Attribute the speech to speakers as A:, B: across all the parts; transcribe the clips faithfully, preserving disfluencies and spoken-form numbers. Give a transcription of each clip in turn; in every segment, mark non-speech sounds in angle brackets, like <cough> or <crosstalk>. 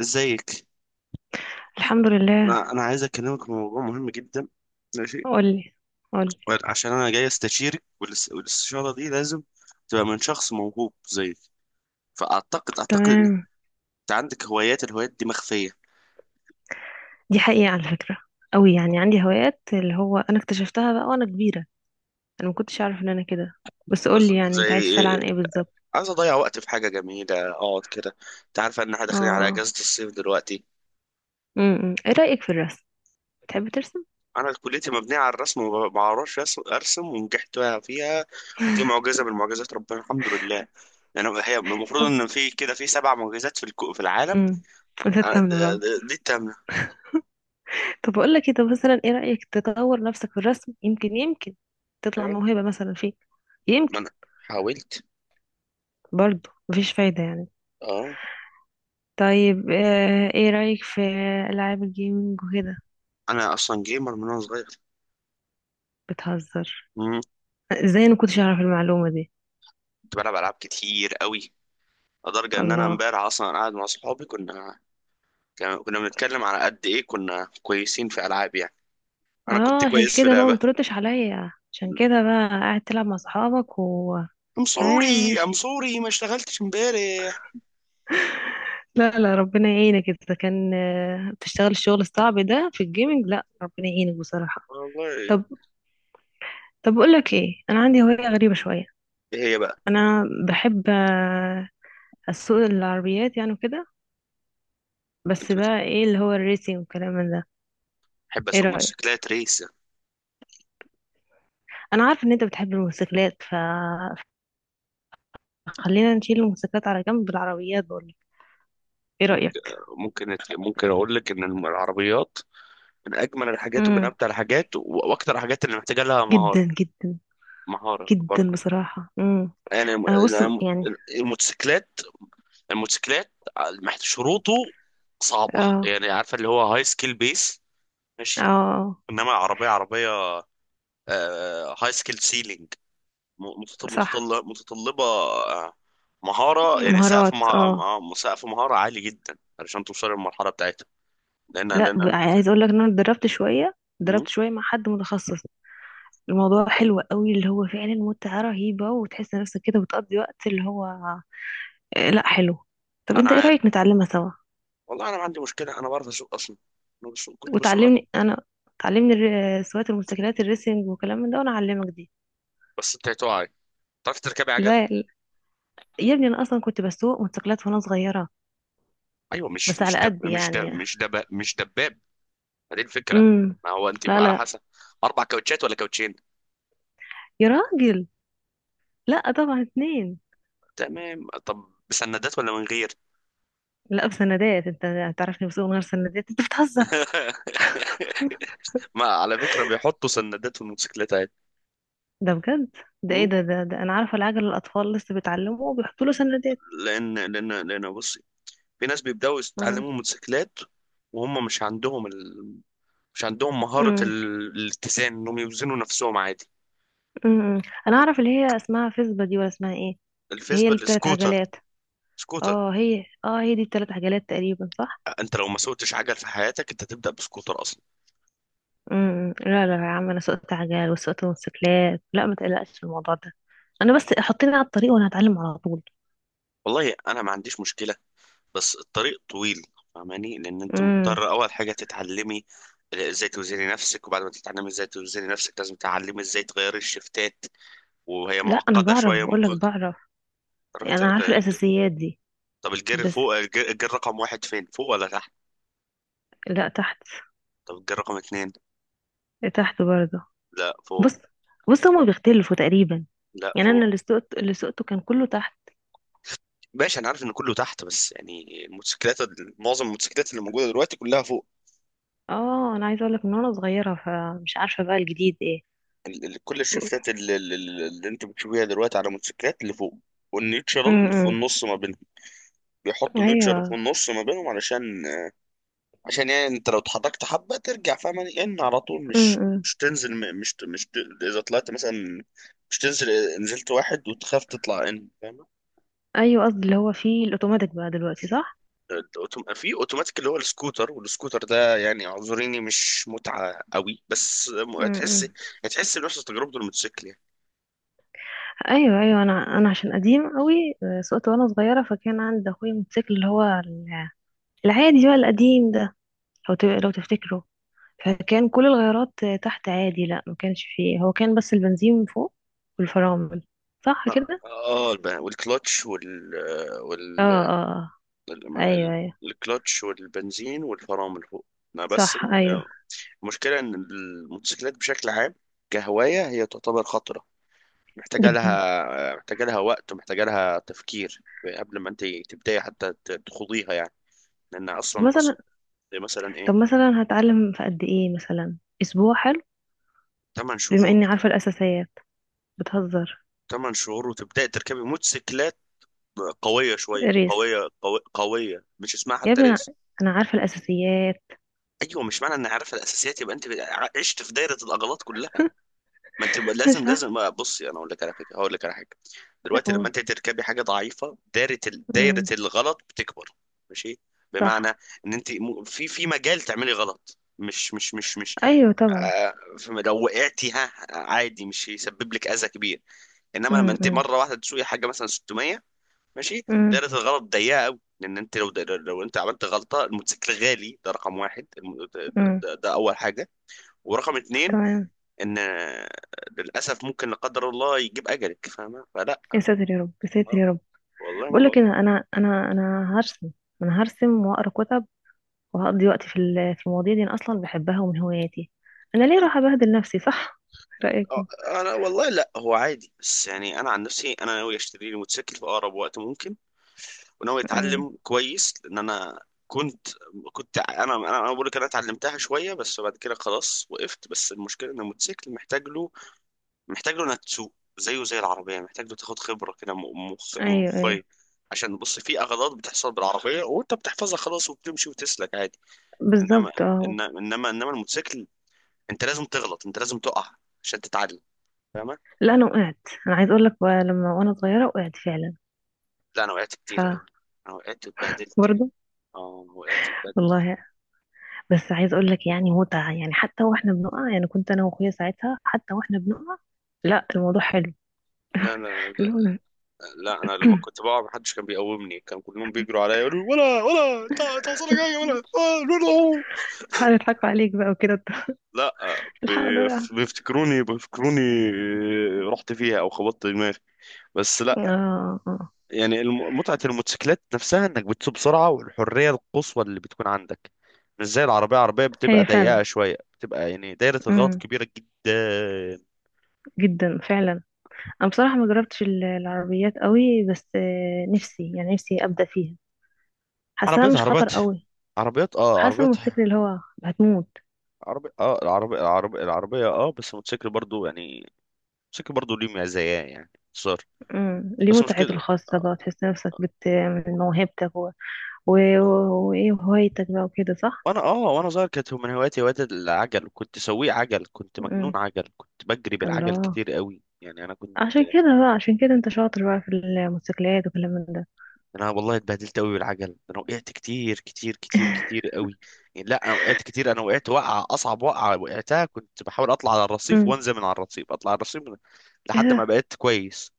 A: ازيك؟
B: الحمد لله.
A: انا انا عايز اكلمك في موضوع مهم جدا. ماشي.
B: قولي، قولي.
A: عشان انا جاي استشيرك والاس- والاستشاره دي لازم تبقى من شخص موهوب زيك. فاعتقد اعتقد ان
B: تمام.
A: انت عندك هوايات الهوايات دي مخفيه.
B: دي حقيقة على فكرة قوي، يعني عندي هوايات اللي هو انا اكتشفتها بقى وانا كبيرة. انا ما كنتش اعرف ان انا كده. بس قولي، يعني انت عايز تسأل
A: زي،
B: عن ايه بالظبط؟
A: عايز اضيع وقت في حاجه جميله، اقعد كده. انت عارف ان احنا
B: اه،
A: داخلين على
B: آه.
A: اجازه الصيف دلوقتي.
B: امم ايه رأيك في الرسم؟ بتحب ترسم؟
A: انا كليتي مبنيه على الرسم وما بعرفش أس- ارسم، ونجحت فيها. دي معجزه من معجزات ربنا، الحمد لله. يعني هي المفروض
B: طب،
A: ان في كده، في سبع معجزات في الكو- في العالم.
B: امم
A: أنا-
B: تتمنى
A: د-
B: بقى.
A: د- دي التامنة.
B: طب اقول لك كده مثلا، ايه رأيك تطور نفسك في الرسم؟ يمكن يمكن تطلع
A: أيوة.
B: موهبة مثلا فيك.
A: ما
B: يمكن.
A: أنا حاولت.
B: برضه مفيش فايدة يعني.
A: أه.
B: طيب، آه، ايه رأيك في ألعاب الجيمنج وكده؟
A: أنا أصلا جيمر من وأنا صغير.
B: بتهزر.
A: مم.
B: ازاي انا كنتش اعرف المعلومة دي؟
A: كنت بلعب ألعاب كتير قوي، لدرجة إن أنا
B: الله.
A: إمبارح أصلا قاعد مع صحابي، كنا كان- كنا بنتكلم على قد إيه كنا كويسين في ألعاب يعني. أنا كنت
B: اه، عشان
A: كويس في
B: كده بقى ما
A: لعبة.
B: تردش عليا، عشان كده بقى قاعد تلعب مع اصحابك و
A: I'm
B: تمام،
A: sorry. I'm
B: ماشي.
A: sorry، ما اشتغلتش إمبارح.
B: لا، لا، ربنا يعينك، انت كان آه، بتشتغل الشغل الصعب ده في الجيمنج، لا ربنا يعينك بصراحة.
A: والله.
B: طب طب اقول لك ايه، انا عندي هواية غريبة شوية.
A: إيه هي بقى؟
B: انا بحب آه، اسوق العربيات يعني وكده. بس
A: أنت بت-
B: بقى ايه اللي هو الريسينج والكلام من ده.
A: بحب
B: ايه
A: أسوق
B: رأيك؟
A: موتوسيكلات ريس.
B: انا عارفه ان انت بتحب الموتوسيكلات، ف... فخلينا نشيل الموتوسيكلات على جنب بالعربيات. ايه
A: ممكن.
B: رأيك؟
A: ممكن ممكن أقول لك إن العربيات من أجمل الحاجات، ومن
B: امم.
A: أمتع الحاجات، و- وأكتر الحاجات اللي محتاجة لها مهارة.
B: جدا جدا.
A: مهارة
B: جدا
A: برضه.
B: بصراحة. امم
A: يعني الم-
B: انا بص
A: الم-
B: يعني.
A: الموتوسيكلات، الموتوسيكلات آه، محت- شروطه صعبة
B: اه،
A: يعني، عارفة اللي هو هاي سكيل بيس. ماشي.
B: اه.
A: انما عربية عربية، هاي سكيل سيلينج،
B: صح.
A: متطلبة آه، مهارة. يعني سقف
B: مهارات، اه.
A: مه- م- سقف مهارة عالي جدا علشان توصل للمرحلة بتاعتها. لأن
B: لا،
A: لأن
B: ب-
A: أنا،
B: عايز اقول لك ان انا اتدربت شوية
A: مم.
B: اتدربت شوية مع حد متخصص. الموضوع حلو قوي، اللي هو فعلا متعة رهيبة وتحس نفسك كده بتقضي وقت اللي هو آه، لا حلو. طب
A: أنا
B: انت ايه
A: عارف
B: رأيك نتعلمها سوا؟
A: والله، أنا ما عندي مشكلة، أنا بعرف أسوق أصلا. أنا بسوق كنت بسوق.
B: وتعلمني انا. تعلمني الر- سواقة الموتوسيكلات الريسنج وكلام من ده، وانا اعلمك دي.
A: بس أنت هتقعي، تعرفي تركبي عجل؟
B: لا، لا. يا ابني انا اصلا كنت بسوق موتوسيكلات وانا صغيرة.
A: ايوه، مش
B: بس
A: مش
B: على
A: دب
B: قد
A: مش دب
B: يعني.
A: مش دب مش دباب. هذه الفكره.
B: امم.
A: ما هو انت
B: لا،
A: بقى على
B: لا،
A: حسب، اربع كاوتشات ولا كاوتشين؟
B: يا راجل. لا، طبعا اتنين.
A: تمام، طب بسندات ولا من غير؟
B: لا، بسندات؟ انت هتعرفني بسوق من غير سندات، انت بتهزر.
A: <laughs> ما على فكره بيحطوا سندات في الموتوسيكلات عادي.
B: ده بجد؟ ده ايه
A: م?
B: ده؟ ده, ده انا عارفه، العجل الاطفال لسه بيتعلموا وبيحطوا له سندات.
A: لان لان لان بصي، في ناس بيبداوا
B: امم.
A: يتعلموا موتوسيكلات وهم مش عندهم ال... مش عندهم مهاره ال...
B: امم.
A: الاتزان، انهم يوزنوا نفسهم عادي.
B: امم. انا اعرف اللي هي اسمها فيسبا دي، ولا اسمها ايه؟ هي اللي
A: الفيسبل
B: بتلات
A: سكوتر،
B: عجلات؟
A: سكوتر.
B: اه هي اه هي دي بتلات عجلات تقريبا، صح؟
A: انت لو ما سوقتش عجل في حياتك انت تبدا بسكوتر اصلا.
B: امم، امم. لا، لا، يا عم، انا سوقت عجل وسوقت موتوسيكلات، لا ما تقلقش في الموضوع ده. انا بس حطيني على الطريق وانا هتعلم على طول.
A: والله انا ما عنديش مشكله، بس الطريق طويل، فاهماني؟ لان انت
B: امم.
A: مضطر اول حاجه تتعلمي ازاي توزني نفسك، وبعد ما تتعلمي ازاي توزني نفسك لازم تتعلمي ازاي تغيري الشفتات، وهي
B: لا انا
A: معقده
B: بعرف،
A: شويه.
B: بقول لك
A: ممكن
B: بعرف.
A: تعرفي
B: يعني
A: ت-
B: انا عارفه
A: ت-
B: الاساسيات دي.
A: طب الجير
B: بس.
A: فوق، الجير الجير رقم واحد فين، فوق ولا تحت؟
B: لا، تحت.
A: طب الجير رقم اتنين؟
B: تحت برضه.
A: لا فوق.
B: بص، بص، هما بيختلفوا تقريبا.
A: لا
B: يعني انا
A: فوق.
B: اللي سقت اللي سقته كان كله تحت.
A: ماشي، انا عارف ان كله تحت بس يعني الموتوسيكلات معظم الموتوسيكلات اللي موجوده دلوقتي كلها فوق.
B: اه، انا عايزه اقول لك من وانا صغيره، فمش عارفه بقى الجديد ايه.
A: ال- ال- كل الشفتات اللي, اللي, اللي انت بتشوفيها دلوقتي على الموتوسيكلات اللي فوق، والنيوترال في
B: امم.
A: النص ما بين. بيحطوا نيوترال في
B: ايوه.
A: النص ما بينهم، علشان عشان يعني انت لو اتحركت حبه ترجع، فاهم؟ ان على طول مش
B: امم.
A: مش تنزل، م- مش ت- مش ت- اذا طلعت مثلا مش تنزل، نزلت واحد وتخاف تطلع، ان فاهم.
B: ايوه، قصدي اللي هو فيه الاوتوماتيك بقى دلوقتي، صح؟
A: الأوتوم- في اوتوماتيك اللي هو السكوتر، والسكوتر ده يعني اعذريني مش متعه قوي، بس م- هتحس،
B: امم.
A: هتحس بنفس تجربه الموتوسيكل يعني.
B: ايوه، ايوه، انا انا عشان قديم قوي. آه، سقت وانا صغيره، فكان عندي اخويا موتوسيكل اللي هو ال- العادي بقى القديم ده. لو ت- لو تفتكره. فكان كل الغيارات تحت عادي، لا ما كانش فيه، هو كان بس البنزين من فوق والفرامل. صح
A: ما-
B: كده؟
A: اه الب- والكلتش وال وال
B: اه، اه. آه. ايوه،
A: الم-
B: ايوه.
A: الكلتش والبنزين والفرامل فوق. ما بس
B: صح،
A: الم...
B: ايوه.
A: المشكلة إن الموتوسيكلات بشكل عام كهواية هي تعتبر خطرة، محتاجة
B: جدا.
A: لها محتاجة لها وقت، ومحتاجة لها تفكير قبل ما أنت تبدأي حتى ت- تخوضيها يعني. لأن
B: طب
A: أصلا،
B: مثلا.
A: أصلا زي مثلا إيه؟
B: طب مثلا هتعلم في قد ايه؟ مثلا اسبوع حلو؟
A: تمن
B: بما
A: شهور.
B: اني عارفه الاساسيات. بتهزر.
A: تمن شهور وتبدأي تركبي موتوسيكلات قوية شوية،
B: ريس؟
A: قوية قوي، قوية مش اسمها
B: يا
A: حتى
B: ابني انا
A: ريس.
B: أنا عارفه الاساسيات.
A: أيوة، مش معنى إني عارفة الأساسيات يبقى أنت عشت في دايرة الأغلاط كلها. ما انت
B: <laughs>
A: لازم
B: مش عارفه
A: لازم آه، بصي انا اقول لك على فكره، هقول لك على حاجه. دلوقتي لما
B: اقول.
A: انت تركبي حاجه ضعيفه، دايره ال- دايره
B: امم.
A: الغلط بتكبر. ماشي؟ بمعنى
B: صح.
A: ان انت م- في في مجال تعملي غلط، مش مش مش مش
B: ايوه طبعا.
A: آه، فم- لو وقعتي ها عادي، مش هيسبب لك اذى كبير. انما لما
B: امم،
A: انت
B: امم.
A: مره واحده تسوقي حاجه مثلا ستمية، ماشي،
B: امم.
A: دايره الغلط ضيقه قوي، لان انت لو لو انت عملت غلطه، الموتوسيكل غالي ده رقم واحد، الم- ده,
B: أمم.
A: ده ده اول حاجه، ورقم اتنين
B: تمام.
A: ان للاسف ممكن لا قدر الله يجيب اجلك، فاهمه؟ فلا،
B: يا ساتر يا رب، يا ساتر
A: آه،
B: يا رب.
A: والله ما
B: بقول لك
A: بقى.
B: إيه، انا انا انا انا هرسم. انا هرسم واقرا كتب. وهقضي وقتي في ال- في المواضيع دي، انا اصلا بحبها ومن هواياتي. انا ليه راح ابهدل نفسي؟ صح؟ <laughs> رايك إيه؟
A: آه، انا والله لا، هو عادي، بس يعني انا عن نفسي انا ناوي اشتري لي موتوسيكل في اقرب وقت ممكن، وناوي
B: أمم.
A: اتعلم كويس. لان انا كنت، كنت انا انا أنا بقول لك، انا اتعلمتها شويه بس بعد كده خلاص وقفت. بس المشكله ان الموتوسيكل محتاج له محتاج له انك تسوق. زيه زي العربيه، محتاج له تاخد خبره كده م- مخ
B: ايوه، ايوه،
A: مخيه، عشان بص في اغلاط بتحصل بالعربيه وانت بتحفظها خلاص وبتمشي وتسلك عادي. انما،
B: بالظبط، اه.
A: إن- انما انما الموتوسيكل انت لازم تغلط، انت لازم تقع عشان تتعلم، فاهمة؟
B: لا انا وقعت. انا عايز اقول لك بقى، لما وانا صغيره وقعت فعلا.
A: لا انا وقعت
B: ف
A: كتير قوي، انا وقعت اتبهدلت يعني.
B: برضه.
A: اه وقعت اتبهدلت.
B: والله. بس عايز اقول لك يعني متعه، يعني حتى واحنا بنقع، يعني كنت انا واخويا ساعتها حتى واحنا بنقع. لا الموضوع حلو.
A: لا لا لا.
B: اللي هو.
A: لا، انا لما كنت بقع محدش كان بيقومني، كان كلهم بيجروا عليا يقولوا، ولا، ولا تع- تعصلك حاجه، ولا آه، لا.
B: تعالى نضحكوا عليك بقى وكده. <laughs>
A: لا. لا
B: الحق ده
A: بيف-
B: وقع.
A: بيفتكروني بيفتكروني آه، رحت فيها او خبطت دماغي، بس لا.
B: اه، آه.
A: يعني الم- متعة الموتوسيكلات نفسها انك بتسوق بسرعة، والحرية القصوى اللي بتكون عندك، مش زي العربية. العربية بتبقى
B: هي.
A: ضيقة شوية، بتبقى يعني دايرة الغلط
B: فعلا.
A: كبيرة جدا.
B: جدا فعلا. انا بصراحه ما جربتش ال- العربيات قوي، بس آه، نفسي يعني نفسي ابدا فيها. حاساها
A: عربيات
B: مش خطر
A: عربيات
B: قوي.
A: عربيات اه
B: حاسه
A: عربيات
B: الموتوسيكل اللي هو هتموت.
A: عربي اه العربية العربية العربية اه بس الموتوسيكل برضو يعني، الموتوسيكل برضو ليه مزايا يعني صار.
B: امم، ليه
A: بس مش
B: متعته
A: كده.
B: الخاصه بقى، تحس نفسك بت من موهبتك و- و- و- وايه وهوايتك بقى وكده، صح؟
A: وانا اه وانا صغير كانت من هواياتي هواية العجل، كنت سويق عجل، كنت مجنون
B: امم.
A: عجل، كنت بجري بالعجل
B: الله.
A: كتير قوي يعني، انا كنت.
B: عشان كده بقى عشان كده انت شاطر بقى في الموتوسيكلات وكلام من ده.
A: انا والله اتبهدلت قوي بالعجل ده، انا وقعت كتير كتير كتير كتير
B: <laughs>
A: قوي يعني. لا انا وقعت كتير. انا وقعت وقعه، اصعب وقعه وقعتها كنت بحاول اطلع على الرصيف،
B: امم.
A: وانزل من على الرصيف، اطلع على الرصيف، من...
B: ايه
A: لحد ما
B: ده؟
A: بقيت كويس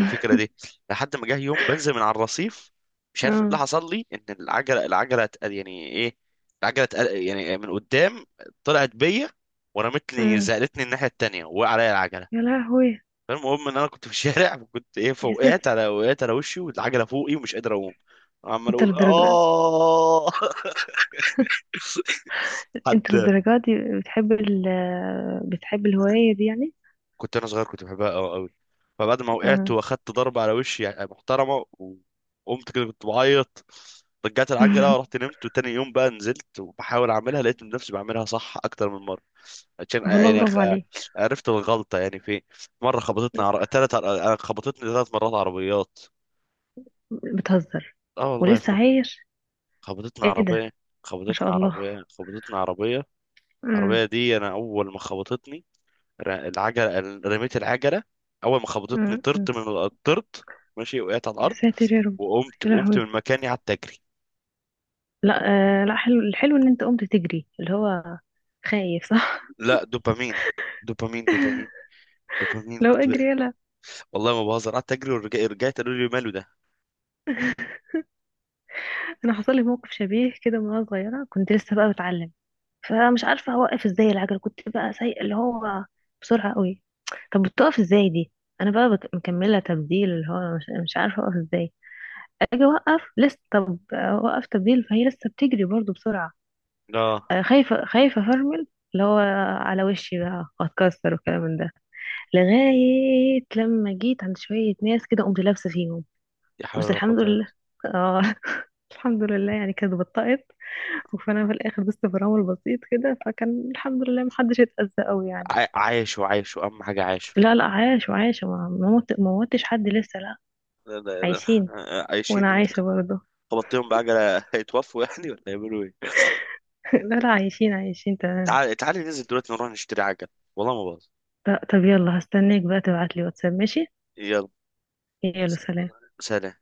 A: الفكره دي. لحد ما جه يوم بنزل من على الرصيف، مش عارف ايه اللي
B: اه.
A: حصل لي، ان العجله العجله اتق- يعني ايه العجله اتق- يعني من قدام طلعت بيا، ورمتني،
B: امم.
A: زقلتني الناحيه التانيه، وقع عليا العجله.
B: يا لهوي.
A: فالمهم ان انا كنت في الشارع وكنت ايه،
B: يا ست.
A: فوقعت على وقعت على وشي والعجله فوقي، ومش قادر اقوم، عمال
B: انت
A: اقول
B: للدرجه؟
A: اه. <laughs> حد.
B: انت للدرجة دي بتحب ال بتحب الهواية دي يعني؟
A: كنت انا صغير كنت بحبها قوي قوي، فبعد ما وقعت
B: آه.
A: واخدت ضربه على وشي يعني محترمه، وقمت كده كنت بعيط، رجعت العجله
B: <laughs>
A: ورحت نمت، وتاني يوم بقى نزلت وبحاول اعملها، لقيت نفسي بعملها صح اكتر من مره، عشان
B: طب والله
A: يعني خ-
B: برافو عليك.
A: عرفت الغلطه يعني فين. مره خبطتني عر... تلت عر... أنا خبطتني ثلاث مرات عربيات.
B: بتهزر.
A: اه والله،
B: ولسه
A: في.
B: عايش؟
A: خبطتني
B: ايه ده.
A: عربية،
B: ما شاء
A: خبطتني
B: الله.
A: عربية، خبطتني عربية.
B: مم.
A: العربية دي أنا أول ما خبطتني، ر- العجلة، رميت العجلة. أول ما خبطتني
B: مم. مم.
A: طرت من ال- طرت، ماشي، وقعت على
B: يا
A: الأرض.
B: ساتر يا رب.
A: وقمت
B: يا
A: قمت
B: لهوي.
A: من مكاني، قعدت أجري.
B: لا. آه، لا حلو، الحلو ان انت قمت تجري اللي هو خايف، صح؟
A: لا، دوبامين. دوبامين، دوبامين،
B: <laughs>
A: دوبامين
B: لو
A: كنت بقى.
B: اجري يلا.
A: والله ما بهزر، قعدت أجري، ورجعت، رجعت قالوا لي ماله ده.
B: انا حصل لي موقف شبيه كده وانا صغيره، كنت لسه بقى بتعلم. فمش عارفة اوقف ازاي العجلة، كنت بقى سايقة اللي هو بسرعة قوي. طب بتقف ازاي دي؟ انا بقى بك- مكملة تبديل، اللي هو مش, مش عارفة اوقف ازاي. اجي اوقف لسه، طب اوقف تبديل، فهي لسه بتجري برضو بسرعة.
A: لا.
B: آه، خايفة خايفة افرمل. اللي هو. على وشي بقى اتكسر والكلام من ده. لغاية لما جيت عند شوية ناس كده قمت لابسة فيهم.
A: يا حول
B: بس
A: ولا قوة
B: الحمد
A: إلا
B: لله.
A: بالله.
B: اه. <laughs> الحمد لله يعني كانت بطأت. وفانا في الاخر بس تفرمل بسيط كده، فكان الحمد لله محدش اتأذى قوي يعني.
A: عا- عايشوا، عايشوا، أهم حاجة عايشوا.
B: لا، لا، عايش وعايشة، ما ما موت ما موتش حد لسه، لا.
A: لا لا لا،
B: عايشين. وانا
A: عايشين.
B: عايشة برضه.
A: خبطتهم بعجلة هيتوفوا يعني ولا يعملوا إيه؟
B: <laughs> لا، لا، عايشين، عايشين، تمام.
A: تعالي تعالي ننزل دلوقتي نروح نشتري عجل، والله ما باظ.
B: ط- طب يلا، هستناك بقى تبعتلي واتساب، ماشي.
A: يلا
B: يلا، سلام.
A: سلام.